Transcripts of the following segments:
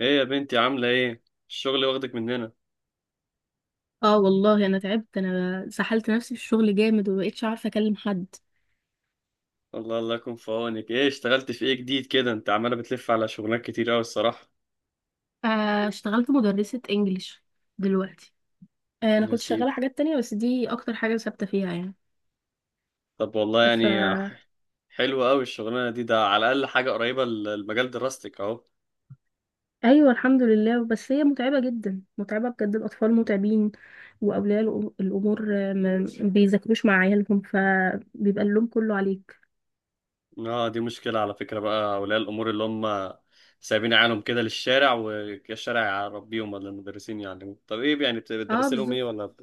ايه يا بنتي، عاملة ايه؟ الشغل واخدك مننا. اه والله انا تعبت، انا سحلت نفسي في الشغل جامد ومبقتش عارفه اكلم حد. الله الله يكون في عونك. ايه اشتغلت في ايه جديد كده؟ انت عمالة بتلف على شغلانات كتير اوي الصراحة. اشتغلت مدرسه انجليش دلوقتي. انا يا كنت شغاله سيدي. حاجات تانية، بس دي اكتر حاجه ثابته فيها يعني. طب والله ف يعني حلوة اوي الشغلانة دي، ده على الأقل حاجة قريبة لمجال دراستك اهو. ايوه الحمد لله، بس هي متعبه جدا، متعبه بجد. الاطفال متعبين، واولياء الامور، ما بيذاكروش مع عيالهم، فبيبقى اللوم كله عليك. اه، دي مشكلة على فكرة بقى أولياء الأمور، اللي هم سايبين عيالهم كده للشارع والشارع يربيهم، ولا المدرسين يعلموهم؟ طب ايه يعني، اه بتدرسي لهم ايه، بالظبط. ولا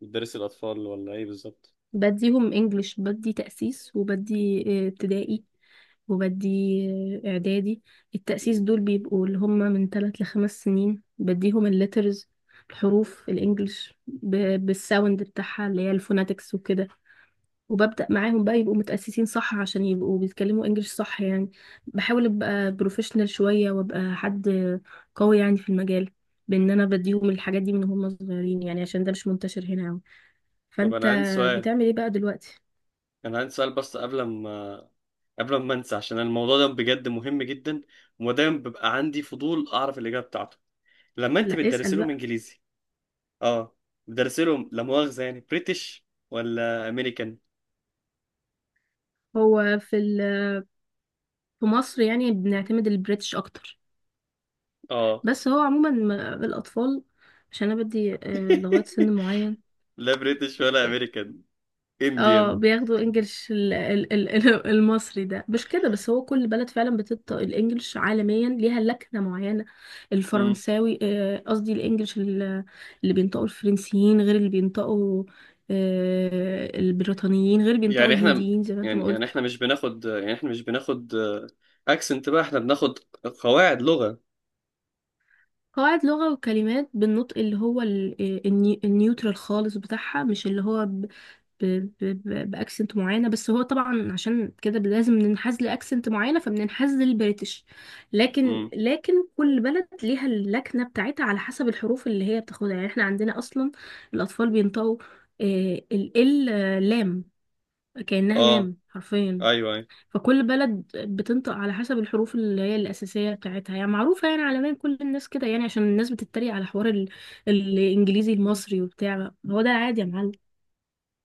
بتدرسي الأطفال، ولا ايه بالظبط؟ بديهم انجليش، بدي تأسيس، وبدي ابتدائي، وبدي اعدادي. التأسيس دول بيبقوا اللي هم من ثلاث لخمس سنين، بديهم الليترز، الحروف الانجليش بالساوند بتاعها، اللي هي الفوناتكس وكده. وببدأ معاهم بقى يبقوا متأسسين صح، عشان يبقوا بيتكلموا انجليش صح يعني. بحاول ابقى بروفيشنال شوية وابقى حد قوي يعني في المجال. بان انا بديهم الحاجات دي من هم صغيرين يعني، عشان ده مش منتشر هنا أوي. طب فانت أنا عندي سؤال. بتعمل ايه بقى دلوقتي؟ أنا عندي سؤال بس، قبل ما انسى، عشان الموضوع ده بجد مهم جدا ودايما ببقى عندي فضول اعرف الاجابه بتاعته، لما انت لا بتدرس اسأل لهم بقى. انجليزي. اه. بتدرس لهم لا مؤاخذه يعني بريتش ولا امريكان؟ هو في مصر يعني بنعتمد البريتش اكتر، اه. بس هو عموما الاطفال، عشان انا بدي لغاية سن معين. لا بريتش ولا امريكان، اه انديان. بياخدوا انجلش المصري، ده مش كده، بس هو كل بلد فعلا بتطبق الانجلش عالميا، ليها لكنة معينة. مم. الفرنساوي، قصدي الانجلش، اللي بينطقوا الفرنسيين غير اللي بينطقوا البريطانيين، غير اللي بينطقوا يعني احنا الهنديين زي ما انت يعني ما يعني قلت. احنا مش بناخد اكسنت، بقى احنا بناخد قواعد لغه. قواعد لغة وكلمات بالنطق اللي هو النيوترال خالص بتاعها، مش اللي هو بأكسنت معينة، بس هو طبعا عشان كده لازم ننحاز لأكسنت معينة، فبننحاز للبريتش. لكن امم لكن كل بلد ليها اللكنة بتاعتها على حسب الحروف اللي هي بتاخدها. يعني احنا عندنا أصلا الأطفال بينطقوا آه، ال لام كأنها اه، لام حرفيا. ايوه أيوه. فكل بلد بتنطق على حسب الحروف اللي هي الأساسية بتاعتها، يعني معروفة يعني عالميا كل الناس كده، يعني عشان الناس بتتريق على حوار الإنجليزي المصري وبتاع. هو ده عادي يا معلم.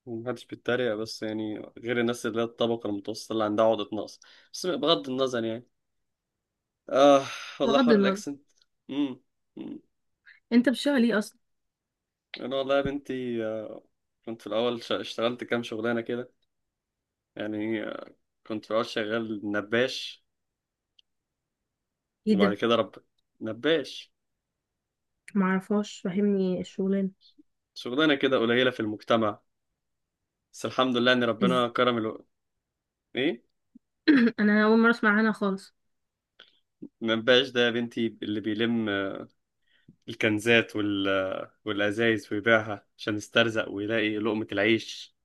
ومحدش بيتريق بس يعني غير الناس اللي هي الطبقة المتوسطة اللي عندها عقدة نقص. بس بغض النظر يعني. آه، والله بغض حوار النظر. الأكسنت. أمم. أمم. أنت بتشتغل إيه أصلا؟ أنا والله يا بنتي، كنت في الأول اشتغلت كام شغلانة كده. يعني كنت في الأول شغال نباش. إيه وبعد ده؟ كده نباش، معرفهاش، فاهمني الشغلانة. شغلانة كده قليلة في المجتمع. بس الحمد لله إن إز ربنا كرم إيه؟ أنا أول مرة أسمع عنها خالص. نباش ده يا بنتي اللي بيلم الكنزات والأزايز ويبيعها عشان يسترزق ويلاقي لقمة العيش.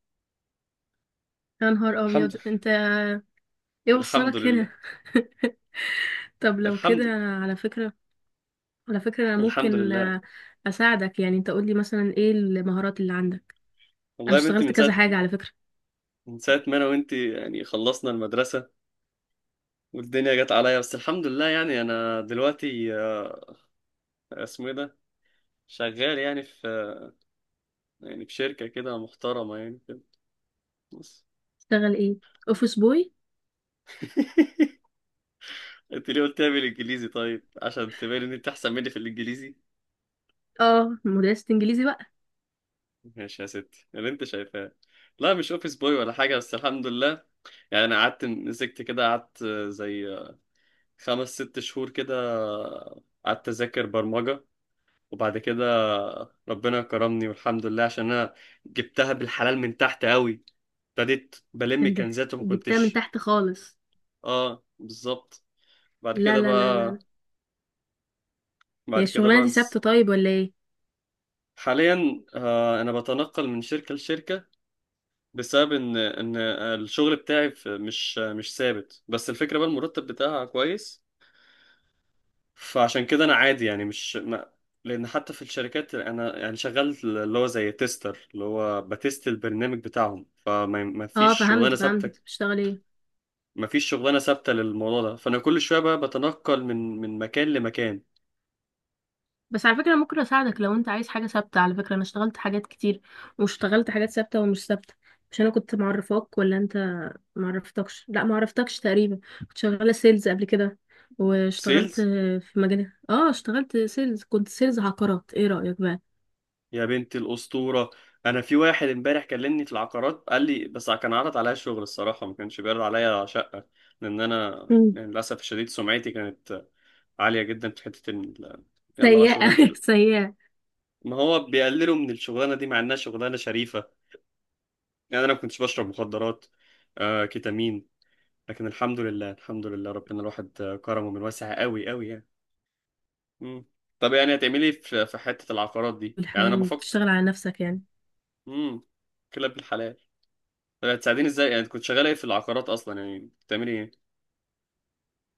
يا نهار الحمد أبيض لله. أنت. إيه الحمد وصلك هنا؟ لله. طب لو كده. الحمد لله. على فكرة، على فكرة أنا الحمد ممكن لله. أساعدك. يعني أنت قولي مثلا إيه المهارات اللي عندك؟ أنا والله يا بنتي، اشتغلت كذا حاجة على فكرة. من ساعة ما أنا وأنت يعني خلصنا المدرسة والدنيا جت عليا. بس الحمد لله، يعني أنا دلوقتي، اسمه إيه ده، شغال يعني في شركة كده محترمة يعني كده. بص. اشتغل إيه؟ أوفيس بوي. أنت ليه قلت لي بالإنجليزي؟ طيب عشان تبين إن أنت أحسن مني في الإنجليزي. اه مدرسة انجليزي بقى. ماشي يا ستي اللي أنت شايفاه. لا مش أوفيس بوي ولا حاجة، بس الحمد لله. يعني انا قعدت مسكت كده، قعدت زي خمس ست شهور كده قعدت اذاكر برمجة. وبعد كده ربنا كرمني والحمد لله، عشان انا جبتها بالحلال من تحت قوي. ابتديت بلم انت كنزات وما جبتها من كنتش. تحت خالص. اه بالظبط. بعد لا كده لا لا لا بقى لا. هي بعد كده الشغلانة بقى دي ثابتة طيب ولا ايه؟ حاليا آه انا بتنقل من شركة لشركة، بسبب ان الشغل بتاعي مش ثابت. بس الفكرة بقى المرتب بتاعها كويس، فعشان كده انا عادي، يعني مش ما... لان حتى في الشركات انا يعني شغال اللي هو زي تيستر، اللي هو بتست البرنامج بتاعهم، فما ما فيش اه فهمت شغلانه فهمت، انت ثابته. بتشتغل ايه؟ ما فيش شغلانه ثابته للموضوع ده، فانا كل شويه بقى بتنقل من مكان لمكان. بس على فكرة ممكن اساعدك لو انت عايز حاجة ثابتة، على فكرة انا اشتغلت حاجات كتير، واشتغلت حاجات ثابتة ومش ثابتة. مش انا كنت معرفاك ولا انت معرفتكش، لا معرفتكش تقريبا. كنت شغالة سيلز قبل كده، واشتغلت سيلز. في مجال، اه اشتغلت سيلز، كنت سيلز عقارات. ايه رأيك بقى؟ يا بنت الاسطوره، انا في واحد امبارح كلمني في العقارات قال لي، بس كان عرض عليا شغل الصراحه، ما كانش بيعرض عليا شقه، لان انا مم. يعني للاسف الشديد سمعتي كانت عاليه جدا في حته يلا بقى سيئة، شغلانتي. سيئة. ما هو بيقللوا من الشغلانه دي مع انها شغلانه شريفه، يعني انا ما كنتش بشرب مخدرات، كيتامين. لكن الحمد لله، الحمد لله، ربنا الواحد كرمه من واسع قوي قوي يعني. مم. طب يعني هتعملي إيه في حته العقارات دي؟ يعني انا بالحلال بفكر. وبتشتغل على نفسك يعني. امم كلاب الحلال. طب هتساعديني ازاي؟ يعني كنت شغاله ايه في العقارات اصلا؟ يعني بتعملي ايه؟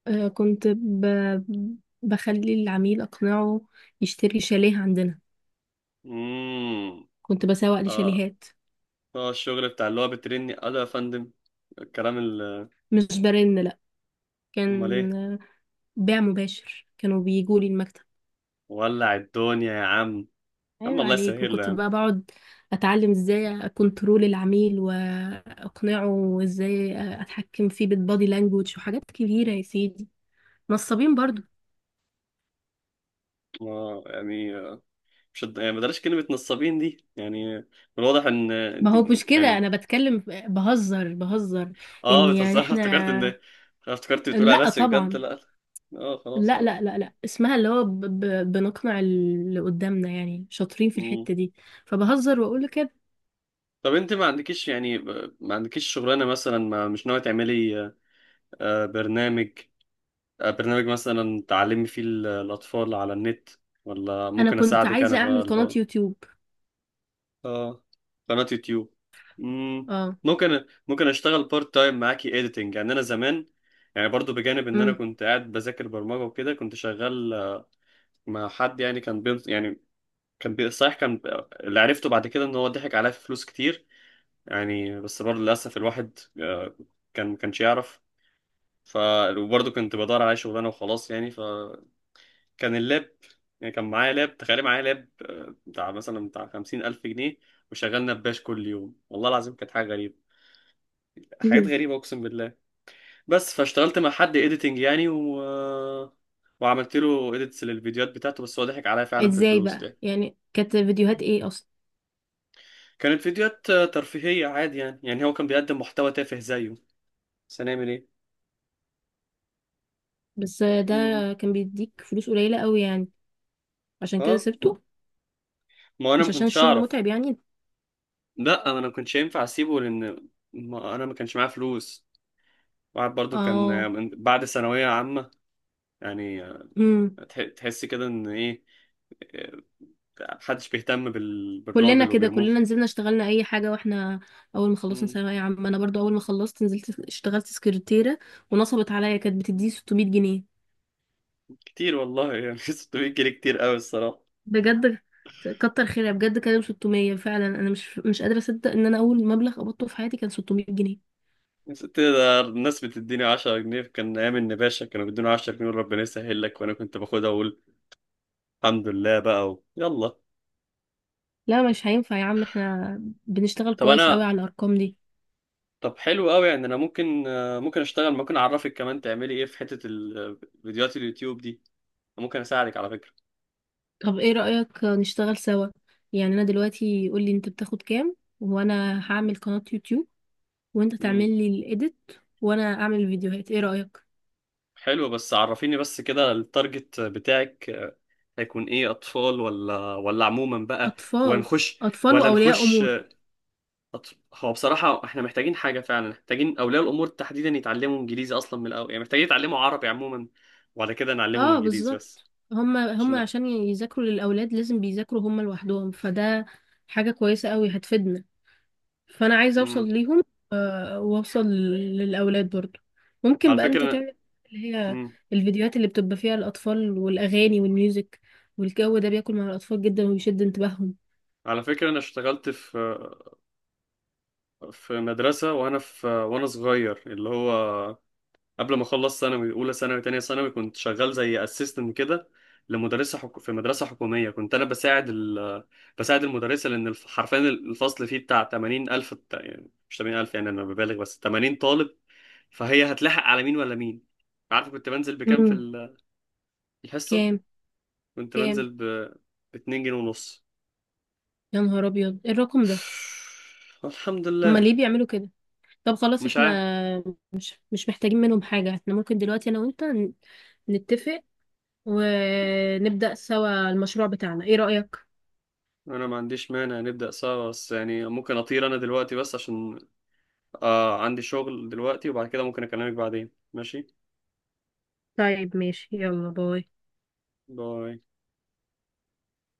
كنت بخلي العميل أقنعه يشتري شاليه عندنا. امم كنت بسوق اه. لشاليهات. اه، الشغل بتاع اللي هو بترني: الو يا فندم، الكلام مش برن لأ، امال كان ايه؟ بيع مباشر، كانوا بيجوا لي المكتب. ولع الدنيا يا عم. يا عم عيب الله عليك. يسهل له يا وكنت عم. بقى بقعد أتعلم ازاي أكنترول العميل وأقنعه، وازاي أتحكم فيه بالبادي لانجوج وحاجات كبيرة يا سيدي. نصابين برضو. يعني مش يعني بلاش كلمة نصابين دي، يعني من الواضح ان ما انت هو مش كده، يعني. أنا بتكلم بهزر بهزر. إن اه، يعني بتهزر. احنا. افتكرت بتقول على لأ نفسك بجد. طبعا. لا لا. اه خلاص لا اه. لا لا لا، اسمها اللي هو بنقنع اللي قدامنا، يعني شاطرين في مم. الحتة دي، فبهزر واقول له كده. طب انت ما عندكيش شغلانة مثلا؟ ما مش ناوية تعملي آه، برنامج برنامج مثلا تعلمي فيه الأطفال على النت، ولا انا ممكن كنت أساعدك أنا عايزة اعمل بقى؟ قناة يوتيوب. اه، قناة يوتيوب. مم. اه. ممكن اشتغل بارت تايم معاكي اديتنج. يعني انا زمان، يعني برضو بجانب ان انا امم. كنت قاعد بذاكر برمجة وكده، كنت شغال مع حد، يعني صحيح، كان اللي عرفته بعد كده ان هو ضحك عليا في فلوس كتير. يعني بس برضه للاسف، الواحد ما كانش يعرف. ف وبرضه كنت بدور على شغلانه وخلاص. يعني ف كان اللاب، يعني كان معايا لاب، تخيل معايا لاب بتاع خمسين ألف جنيه، وشغلنا بباش كل يوم، والله العظيم كانت حاجة غريبة، حاجات مهم. غريبة أقسم بالله. بس فاشتغلت مع حد إيديتنج يعني و... آه، وعملت له إيديتس للفيديوهات بتاعته، بس هو ضحك عليا فعلا في ازاي الفلوس بقى؟ ده. يعني كانت فيديوهات ايه اصلا؟ كانت فيديوهات ترفيهية عادي، يعني هو كان بيقدم محتوى تافه زيه، بس هنعمل إيه؟ بس ده مم. كان بيديك فلوس قليلة قوي يعني، عشان كده أه، سبته؟ ما أنا مش ما عشان كنتش الشغل أعرف. متعب يعني؟ لا، أنا ما كنتش ينفع أسيبه، لأن ما أنا ما كانش معايا فلوس. واحد برضو كان اه. من بعد ثانوية عامة، يعني امم. تحس كده ان ايه، آه، محدش بيهتم كلنا بالراجل كده، وبيرموه كلنا نزلنا اشتغلنا اي حاجة. واحنا اول ما خلصنا مم. ثانوية عامة، انا برضو اول ما خلصت نزلت اشتغلت سكرتيرة، ونصبت عليا، كانت بتديني 600 جنيه. كتير والله يعني. 600 جنيه كتير قوي الصراحة. بجد كتر خيرها بجد، كانوا 600 فعلا، انا مش مش قادره اصدق ان انا اول مبلغ قبضته في حياتي كان 600 جنيه. ده الناس بتديني 10 جنيه، كان أيام النباشا كانوا بيدوني 10 جنيه ربنا يسهل لك، وأنا كنت باخدها وأقول الحمد لله بقى يلا. لا مش هينفع يا عم، احنا بنشتغل طب كويس قوي أنا على الارقام دي. طب حلو قوي. يعني أنا ممكن، أشتغل، ممكن أعرفك كمان تعملي إيه في حتة فيديوهات اليوتيوب دي، ممكن أساعدك على فكرة. طب ايه رايك نشتغل سوا؟ يعني انا دلوقتي قول لي انت بتاخد كام، وانا هعمل قناه يوتيوب وانت مم. تعمل لي الايديت وانا اعمل الفيديوهات. ايه رايك؟ حلو، بس عرفيني بس كده التارجت بتاعك هيكون ايه؟ اطفال، ولا عموما بقى؟ اطفال. ونخش اطفال ولا واولياء نخش امور. هو بصراحة احنا محتاجين حاجة، فعلا محتاجين اولياء الامور تحديدا يتعلموا انجليزي اصلا من الاول، يعني محتاجين يتعلموا عربي عموما وبعد كده نعلمهم اه انجليزي بس، بالظبط، هما عشان هما نقدر. عشان يذاكروا للاولاد، لازم بيذاكروا هما لوحدهم، فده حاجة كويسة قوي هتفيدنا، فانا عايزه امم اوصل ليهم، واوصل للاولاد برضو. ممكن على بقى فكرة انت أنا. تعمل اللي هي امم الفيديوهات اللي بتبقى فيها الاطفال والاغاني والميوزك، والجو ده بياكل مع الاطفال جدا وبيشد انتباههم. على فكرة انا اشتغلت في مدرسة، وانا صغير، اللي هو قبل ما اخلص ثانوي، اولى ثانوي تانية ثانوي، كنت شغال زي اسيستنت كده لمدرسه في مدرسه حكوميه. كنت انا بساعد بساعد المدرسه، لان حرفيا الفصل فيه بتاع 80000 الف، يعني مش 80000، يعني انا ببالغ، بس 80 طالب، فهي هتلحق على مين ولا مين؟ عارف كنت بنزل بكام في امم. الحصه؟ كام؟ كنت كام؟ بنزل ب 2 جنيه ونص. يا نهار ابيض، إيه الرقم ده؟ الحمد هما لله. ليه بيعملوا كده؟ طب خلاص مش احنا عارف. مش محتاجين منهم حاجه، احنا ممكن دلوقتي انا وانت نتفق ونبدا سوا المشروع بتاعنا. ايه رايك؟ انا ما عنديش مانع نبدا سوا، بس يعني ممكن اطير انا دلوقتي بس، عشان عندي شغل دلوقتي. وبعد كده ممكن أكلمك بعدين. ماشي. طيب ماشي، يلا باي. باي.